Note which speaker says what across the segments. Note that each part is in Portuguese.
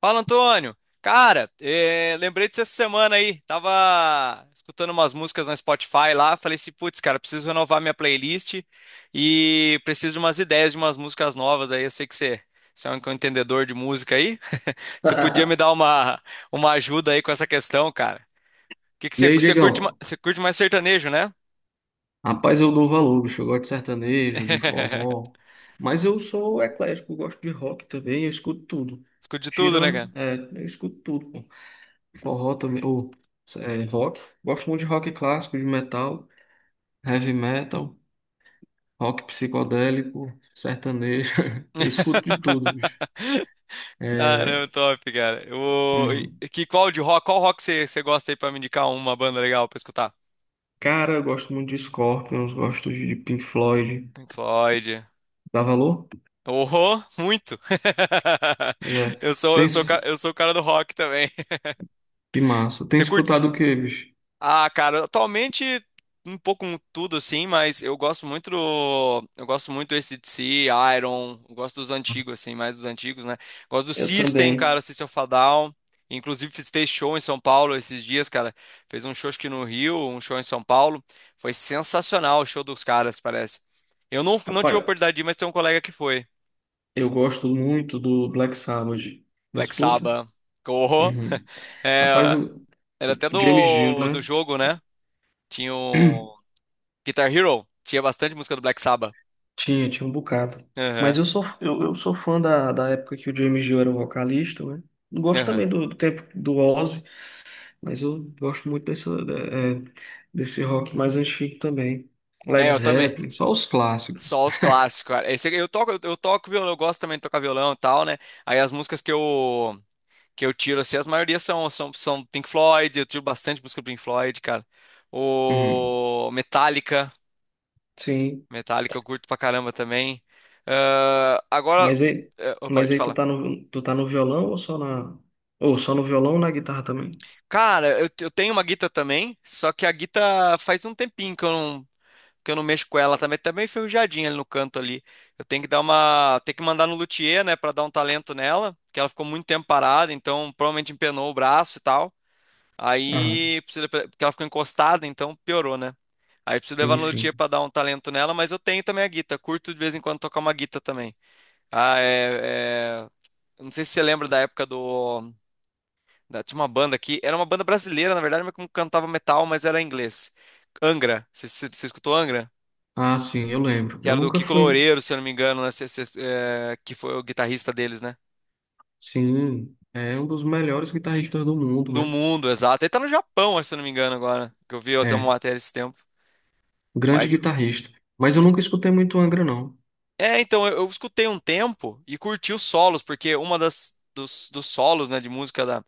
Speaker 1: Fala, Antônio. Cara, lembrei disso essa semana aí. Tava escutando umas músicas no Spotify lá. Falei assim, putz, cara, preciso renovar minha playlist e preciso de umas ideias de umas músicas novas aí. Eu sei que você é um entendedor de música aí. Você podia me dar uma ajuda aí com essa questão, cara. O que que
Speaker 2: E aí,
Speaker 1: você curte,
Speaker 2: Diegão?
Speaker 1: você curte mais sertanejo, né?
Speaker 2: Rapaz, eu dou valor, bicho. Eu gosto de sertanejo, de forró. Mas eu sou eclético, eu gosto de rock também, eu escuto tudo.
Speaker 1: Escute de tudo, né,
Speaker 2: Tirando,
Speaker 1: cara?
Speaker 2: é, eu escuto tudo, pô. Forró também, ou é, rock. Gosto muito de rock clássico, de metal, heavy metal, rock psicodélico, sertanejo. Eu escuto de tudo, bicho.
Speaker 1: Caramba,
Speaker 2: É,
Speaker 1: top, cara.
Speaker 2: hum,
Speaker 1: Qual de rock? Qual rock você gosta aí pra me indicar uma banda legal pra escutar?
Speaker 2: Cara, eu gosto muito de Scorpions, gosto de Pink Floyd.
Speaker 1: Pink Floyd.
Speaker 2: Dá valor?
Speaker 1: Oh, muito.
Speaker 2: Pois é. Tem, es-
Speaker 1: Eu sou o cara do rock também.
Speaker 2: que massa. Tem
Speaker 1: Você curte.
Speaker 2: escutado o quê, bicho?
Speaker 1: Ah, cara, atualmente um pouco com tudo assim, mas eu gosto muito do AC/DC, Iron, eu gosto dos antigos assim, mais dos antigos, né? Gosto do
Speaker 2: Eu
Speaker 1: System,
Speaker 2: também.
Speaker 1: cara, System of a Down. Inclusive fez show em São Paulo esses dias, cara. Fez um show acho que no Rio, um show em São Paulo. Foi sensacional o show dos caras, parece. Eu não, não tive a
Speaker 2: Rapaz,
Speaker 1: oportunidade de ir, mas tem um colega que foi.
Speaker 2: eu gosto muito do Black Sabbath.
Speaker 1: Black
Speaker 2: Escuta?
Speaker 1: Sabbath, corro.
Speaker 2: Uhum. Rapaz,
Speaker 1: É,
Speaker 2: o
Speaker 1: era até
Speaker 2: James Dio,
Speaker 1: do
Speaker 2: né?
Speaker 1: jogo, né? Tinha o. Guitar Hero tinha bastante música do Black Sabbath.
Speaker 2: Tinha, tinha um bocado.
Speaker 1: Aham,
Speaker 2: Mas eu sou fã da época que o James Dio era o vocalista, né? Gosto
Speaker 1: aham.
Speaker 2: também do tempo do Ozzy, mas eu gosto muito desse rock mais antigo também.
Speaker 1: É,
Speaker 2: Led
Speaker 1: eu também.
Speaker 2: Zeppelin, só os clássicos.
Speaker 1: Só os clássicos, cara. Eu toco violão, eu gosto também de tocar violão e tal, né? Aí as músicas que eu tiro assim, as maioria são Pink Floyd, eu tiro bastante música do Pink Floyd, cara.
Speaker 2: Uhum.
Speaker 1: O Metallica,
Speaker 2: Sim.
Speaker 1: Metallica eu curto pra caramba também. Ah, agora,
Speaker 2: Mas aí, mas
Speaker 1: pode
Speaker 2: aí
Speaker 1: falar.
Speaker 2: tu tá no violão ou só ou só no violão ou na guitarra também?
Speaker 1: Cara, eu tenho uma guita também, só que a guita faz um tempinho que eu não mexo com ela também, tá meio enferrujadinha ali no canto ali. Eu tenho que dar uma, ter que mandar no luthier, né, pra dar um talento nela, porque ela ficou muito tempo parada, então provavelmente empenou o braço e tal.
Speaker 2: Ah,
Speaker 1: Aí precisa, porque ela ficou encostada, então piorou, né? Aí preciso levar
Speaker 2: sim,
Speaker 1: no luthier
Speaker 2: sim.
Speaker 1: pra dar um talento nela, mas eu tenho também a guita, curto de vez em quando tocar uma guita também. Ah, é, é- eu não sei se você lembra da época do. Tinha uma banda aqui. Era uma banda brasileira, na verdade, mas que cantava metal, mas era em inglês. Angra. Você escutou Angra?
Speaker 2: Ah, sim, eu lembro.
Speaker 1: Que
Speaker 2: Eu
Speaker 1: era do
Speaker 2: nunca
Speaker 1: Kiko
Speaker 2: fui,
Speaker 1: Loureiro, se eu não me engano, né? É, que foi o guitarrista deles, né?
Speaker 2: sim, é um dos melhores guitarristas do mundo,
Speaker 1: Do
Speaker 2: né?
Speaker 1: mundo, exato. Ele tá no Japão, acho, se eu não me engano, agora, que eu vi até uma
Speaker 2: É,
Speaker 1: matéria esse tempo.
Speaker 2: grande
Speaker 1: Mas,
Speaker 2: guitarrista. Mas eu nunca escutei muito Angra, não.
Speaker 1: é, então, eu escutei um tempo e curti os solos, porque uma dos solos, né, de música da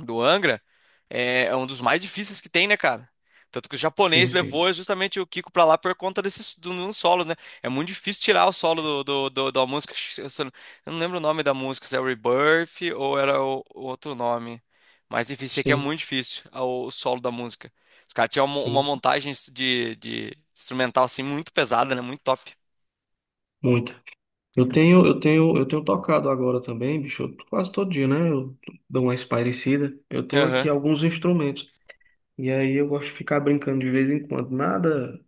Speaker 1: do Angra é, é um dos mais difíceis que tem, né, cara? Tanto que o japonês
Speaker 2: Sim, sim.
Speaker 1: levou justamente o Kiko pra lá por conta dos solos, né? É muito difícil tirar o solo da música. Eu não lembro o nome da música, se é Rebirth ou era o outro nome. Mas enfim, sei que é
Speaker 2: Sim,
Speaker 1: muito difícil o solo da música. Os caras tinham
Speaker 2: sim,
Speaker 1: uma
Speaker 2: sim.
Speaker 1: montagem de instrumental assim muito pesada, né? Muito top.
Speaker 2: Muito. Eu tenho tocado agora também, bicho, eu- quase todo dia, né? Eu dou uma espairecida. Eu tenho aqui
Speaker 1: Aham.
Speaker 2: alguns instrumentos. E aí eu gosto de ficar brincando de vez em quando. Nada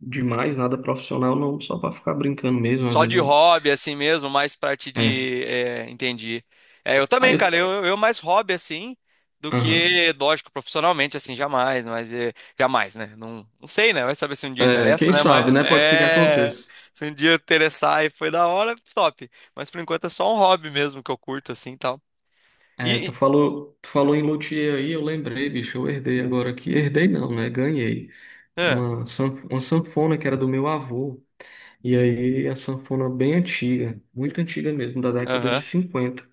Speaker 2: demais, nada profissional, não, só pra ficar brincando mesmo. Às
Speaker 1: Só
Speaker 2: vezes
Speaker 1: de
Speaker 2: eu.
Speaker 1: hobby, assim mesmo, mais parte
Speaker 2: É.
Speaker 1: de. É, entendi. É, eu
Speaker 2: Aí
Speaker 1: também, cara,
Speaker 2: eu.
Speaker 1: eu mais hobby, assim, do
Speaker 2: Aham.
Speaker 1: que, lógico, profissionalmente, assim, jamais, mas é, jamais, né? Não sei, né? Vai saber se um dia
Speaker 2: É,
Speaker 1: interessa,
Speaker 2: quem
Speaker 1: né? Mas
Speaker 2: sabe, né? Pode ser que
Speaker 1: é.
Speaker 2: aconteça.
Speaker 1: Se um dia interessar e foi da hora, top. Mas por enquanto é só um hobby mesmo que eu curto, assim e tal. E. e-
Speaker 2: Tu falou em luthier aí, eu lembrei, bicho, eu herdei agora aqui. Herdei não, né? Ganhei.
Speaker 1: ah,
Speaker 2: Uma sanfona que era do meu avô. E aí, a sanfona bem antiga, muito antiga mesmo, da década de
Speaker 1: Aham.
Speaker 2: 50.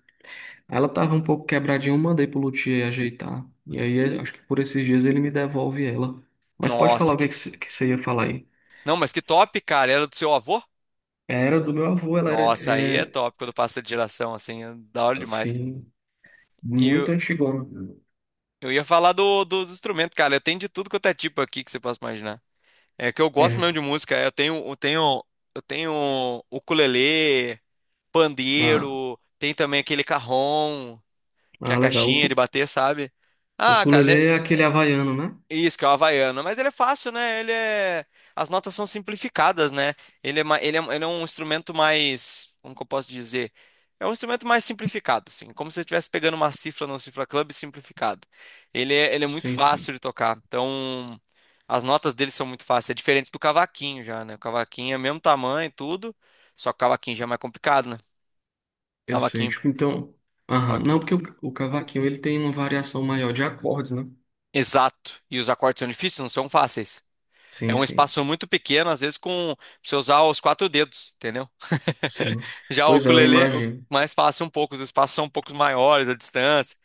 Speaker 2: Ela tava um pouco quebradinha, eu mandei pro luthier ajeitar. E aí, acho que por esses dias ele me devolve ela. Mas pode falar
Speaker 1: Nossa,
Speaker 2: o que
Speaker 1: que.
Speaker 2: que você ia falar aí.
Speaker 1: Não, mas que top, cara. Era do seu avô?
Speaker 2: Era do meu avô, ela
Speaker 1: Nossa, aí é top quando passa de geração, assim, é da hora demais,
Speaker 2: assim,
Speaker 1: cara.
Speaker 2: muito antigona.
Speaker 1: Eu ia falar dos instrumentos, cara. Eu tenho de tudo quanto é tipo aqui que você possa imaginar. É que eu gosto mesmo
Speaker 2: É,
Speaker 1: de música. Eu tenho ukulele,
Speaker 2: ah,
Speaker 1: pandeiro, tem também aquele cajón, que é
Speaker 2: ah,
Speaker 1: a
Speaker 2: legal.
Speaker 1: caixinha de bater, sabe?
Speaker 2: O
Speaker 1: Ah, cara, né,
Speaker 2: ukulele é aquele havaiano, né?
Speaker 1: isso, que é o havaiano. Mas ele é fácil, né? Ele é. As notas são simplificadas, né? Ele é, ma- ele é um instrumento mais. Como que eu posso dizer? É um instrumento mais simplificado, assim. Como se você estivesse pegando uma cifra no Cifra Club simplificado. Ele é muito
Speaker 2: Sim,
Speaker 1: fácil
Speaker 2: sim.
Speaker 1: de tocar. Então, as notas dele são muito fáceis. É diferente do cavaquinho já, né? O cavaquinho é o mesmo tamanho e tudo. Só que o cavaquinho já é mais complicado, né?
Speaker 2: Eu sei.
Speaker 1: Cavaquinho.
Speaker 2: Tipo, então, aham.
Speaker 1: Cavaquinho.
Speaker 2: Não, o cavaquinho, ele tem uma variação maior de acordes, né?
Speaker 1: Exato. E os acordes são difíceis, não são fáceis. É
Speaker 2: Sim,
Speaker 1: um
Speaker 2: sim,
Speaker 1: espaço muito pequeno, às vezes com pra você usar os quatro dedos, entendeu?
Speaker 2: sim.
Speaker 1: Já o
Speaker 2: Pois é, eu
Speaker 1: ukulele,
Speaker 2: imagino.
Speaker 1: mais fácil um pouco, os espaços são um pouco maiores, a distância.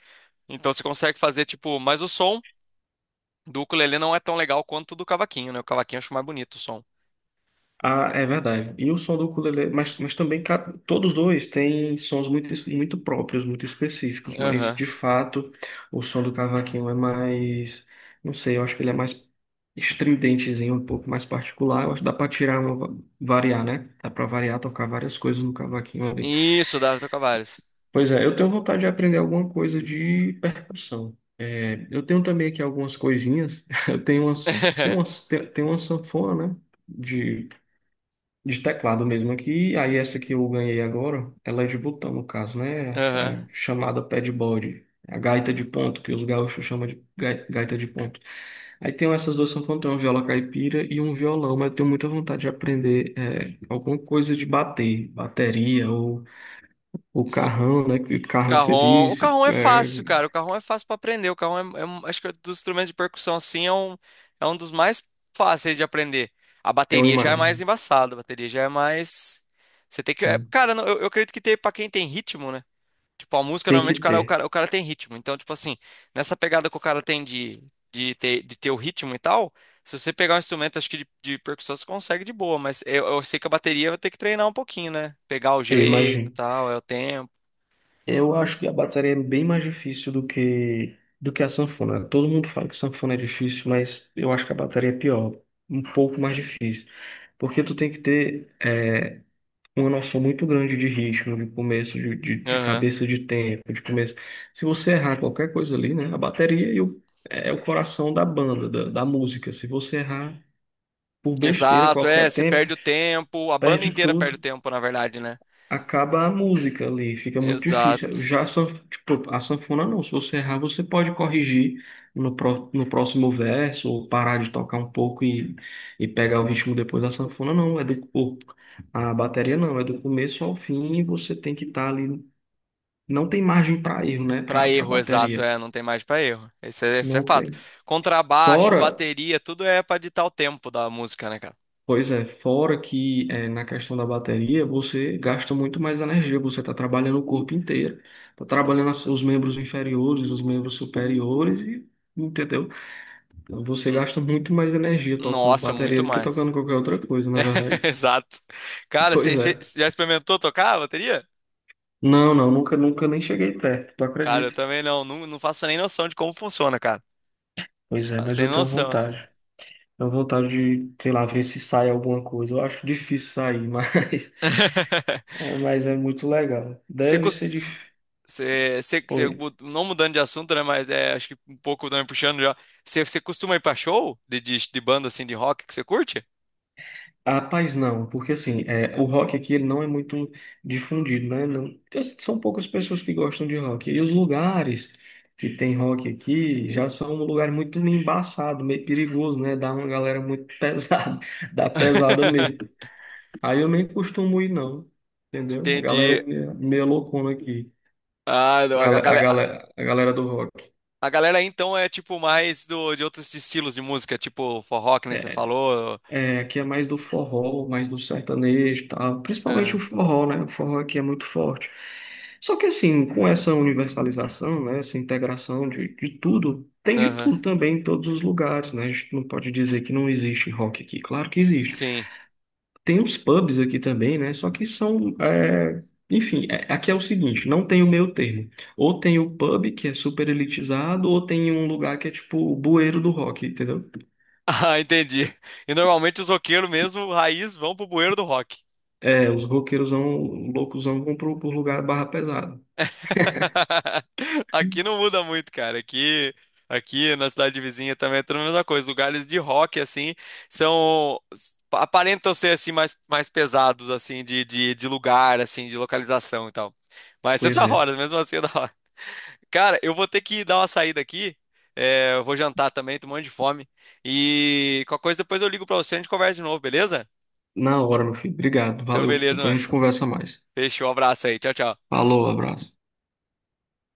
Speaker 1: Então você consegue fazer tipo, mas o som do ukulele não é tão legal quanto o do cavaquinho, né? O cavaquinho eu acho mais bonito o som.
Speaker 2: Ah, é verdade. E o som do ukulele, mas também ca- todos dois têm sons muito, es- muito próprios, muito específicos, mas
Speaker 1: Aham.
Speaker 2: de fato o som do cavaquinho é mais, não sei, eu acho que ele é mais estridentezinho, um pouco mais particular. Eu acho que dá para tirar uma, variar, né? Dá para variar, tocar várias coisas no cavaquinho ali.
Speaker 1: Isso, Davi Tocavares.
Speaker 2: Pois é, eu tenho vontade de aprender alguma coisa de percussão. É, eu tenho também aqui algumas coisinhas. Eu tenho umas, tenho umas, tenho tenho uma sanfona, né? De teclado mesmo aqui. Aí essa que eu ganhei agora, ela é de botão, no caso, né?
Speaker 1: Aham.
Speaker 2: A chamada padboard, a gaita de ponto, que os gaúchos chamam de gaita de ponto. Aí tenho essas duas sanfonas, tenho uma viola caipira e um violão, mas eu tenho muita vontade de aprender é, alguma coisa de bater, bateria ou o
Speaker 1: Isso.
Speaker 2: carrão, né? Que carrão que você
Speaker 1: O
Speaker 2: disse,
Speaker 1: Carrom é fácil,
Speaker 2: é,
Speaker 1: cara. O Carrom é fácil pra aprender. O Carrom é acho que é dos instrumentos de percussão assim é é um dos mais fáceis de aprender. A
Speaker 2: é uma
Speaker 1: bateria já é mais
Speaker 2: imagem.
Speaker 1: embaçada, a bateria já é mais você tem que, é, cara, não, eu acredito que tem para quem tem ritmo, né? Tipo, a música
Speaker 2: Tem que
Speaker 1: normalmente
Speaker 2: ter,
Speaker 1: o cara tem ritmo. Então, tipo assim, nessa pegada que o cara tem de ter o ritmo e tal, se você pegar um instrumento acho que de percussão você consegue de boa, mas eu sei que a bateria vai ter que treinar um pouquinho, né? Pegar o
Speaker 2: eu
Speaker 1: jeito, e
Speaker 2: imagino.
Speaker 1: tal, é o tempo.
Speaker 2: Eu acho que a bateria é bem mais difícil do que a sanfona. Todo mundo fala que sanfona é difícil, mas eu acho que a bateria é pior, um pouco mais difícil, porque tu tem que ter é, uma noção muito grande de ritmo, de começo, de
Speaker 1: Aham.
Speaker 2: cabeça de tempo, de começo. Se você errar qualquer coisa ali, né, a bateria é o coração da banda, da música. Se você errar por besteira
Speaker 1: Exato, é,
Speaker 2: qualquer
Speaker 1: você
Speaker 2: tempo,
Speaker 1: perde o tempo, a banda
Speaker 2: perde
Speaker 1: inteira perde o
Speaker 2: tudo,
Speaker 1: tempo, na verdade, né?
Speaker 2: acaba a música ali, fica muito difícil.
Speaker 1: Exato.
Speaker 2: Tipo, a sanfona não, se você errar, você pode corrigir no, no próximo verso, ou parar de tocar um pouco e pegar o ritmo depois. A sanfona não, é do, o- a bateria não, é do começo ao fim e você tem que estar ali. Não tem margem para erro, né,
Speaker 1: Pra
Speaker 2: para
Speaker 1: erro, exato,
Speaker 2: bateria.
Speaker 1: é, não tem mais pra erro. Esse é
Speaker 2: Não
Speaker 1: fato.
Speaker 2: tem.
Speaker 1: Contrabaixo,
Speaker 2: Fora.
Speaker 1: bateria, tudo é pra ditar o tempo da música, né, cara?
Speaker 2: Pois é, fora que na questão da bateria, você gasta muito mais energia, você está trabalhando o corpo inteiro, está trabalhando os membros inferiores, os membros superiores, e, entendeu? Então, você
Speaker 1: N-
Speaker 2: gasta muito mais energia tocando
Speaker 1: Nossa,
Speaker 2: bateria
Speaker 1: muito
Speaker 2: do que
Speaker 1: mais.
Speaker 2: tocando qualquer outra coisa, na verdade.
Speaker 1: Exato. Cara,
Speaker 2: Pois
Speaker 1: você
Speaker 2: é.
Speaker 1: você já experimentou tocar a bateria?
Speaker 2: Não, não, nunca, nunca nem cheguei perto, tu
Speaker 1: Cara, eu
Speaker 2: acredita?
Speaker 1: também não faço nem noção de como funciona, cara.
Speaker 2: Pois é,
Speaker 1: Faço
Speaker 2: mas
Speaker 1: sem
Speaker 2: eu tenho
Speaker 1: noção, assim.
Speaker 2: vontade. Tenho vontade de, sei lá, ver se sai alguma coisa. Eu acho difícil sair, mas mas é muito legal.
Speaker 1: Você,
Speaker 2: Deve ser
Speaker 1: cos-
Speaker 2: difícil.
Speaker 1: você, você, você não mudando de assunto, né? Mas é, acho que um pouco também puxando já. Você costuma ir pra show de banda assim de rock que você curte?
Speaker 2: Ah, rapaz, não, porque assim, é, o rock aqui ele não é muito difundido, né? Não, são poucas pessoas que gostam de rock. E os lugares que tem rock aqui já são um lugar muito embaçado, meio perigoso, né? Dá uma galera muito pesada, dá pesada mesmo. Aí eu nem costumo ir, não, entendeu? A galera
Speaker 1: Entendi.
Speaker 2: é meio loucona aqui,
Speaker 1: Ah, não,
Speaker 2: a galera, a galera do rock.
Speaker 1: a galera aí, então é tipo mais do, de outros estilos de música, tipo forró, que nem você
Speaker 2: É,
Speaker 1: falou.
Speaker 2: é, aqui é mais do forró, mais do sertanejo, e tal. Principalmente o
Speaker 1: Ah,
Speaker 2: forró, né? O forró aqui é muito forte. Só que assim, com essa universalização, né? Essa integração de tudo, tem de
Speaker 1: aham,
Speaker 2: tudo também em todos os lugares, né? A gente não pode dizer que não existe rock aqui. Claro que existe.
Speaker 1: sim.
Speaker 2: Tem os pubs aqui também, né? Só que são, é, enfim, é- aqui é o seguinte, não tem o meio termo. Ou tem o pub que é super elitizado, ou tem um lugar que é tipo o bueiro do rock, entendeu?
Speaker 1: Ah, entendi. E normalmente os roqueiros mesmo, raiz, vão pro bueiro do rock.
Speaker 2: É, os roqueiros roqueirosão, loucos, vão pro, pro lugar barra pesada.
Speaker 1: Aqui não muda muito, cara. Aqui na cidade vizinha também é tudo a mesma coisa. Lugares de rock, assim, são. Aparentam ser, assim, mais pesados, assim, de lugar, assim, de localização e tal. Mas é
Speaker 2: Pois
Speaker 1: da
Speaker 2: é.
Speaker 1: hora, mesmo assim é da hora. Cara, eu vou ter que dar uma saída aqui. É, eu vou jantar também, tô morrendo de fome. E qualquer coisa depois eu ligo pra você e a gente conversa de novo, beleza?
Speaker 2: Na hora, meu filho. Obrigado.
Speaker 1: Então,
Speaker 2: Valeu.
Speaker 1: beleza,
Speaker 2: Depois a
Speaker 1: mano.
Speaker 2: gente conversa mais.
Speaker 1: Fechou, um abraço aí. Tchau, tchau.
Speaker 2: Falou, abraço.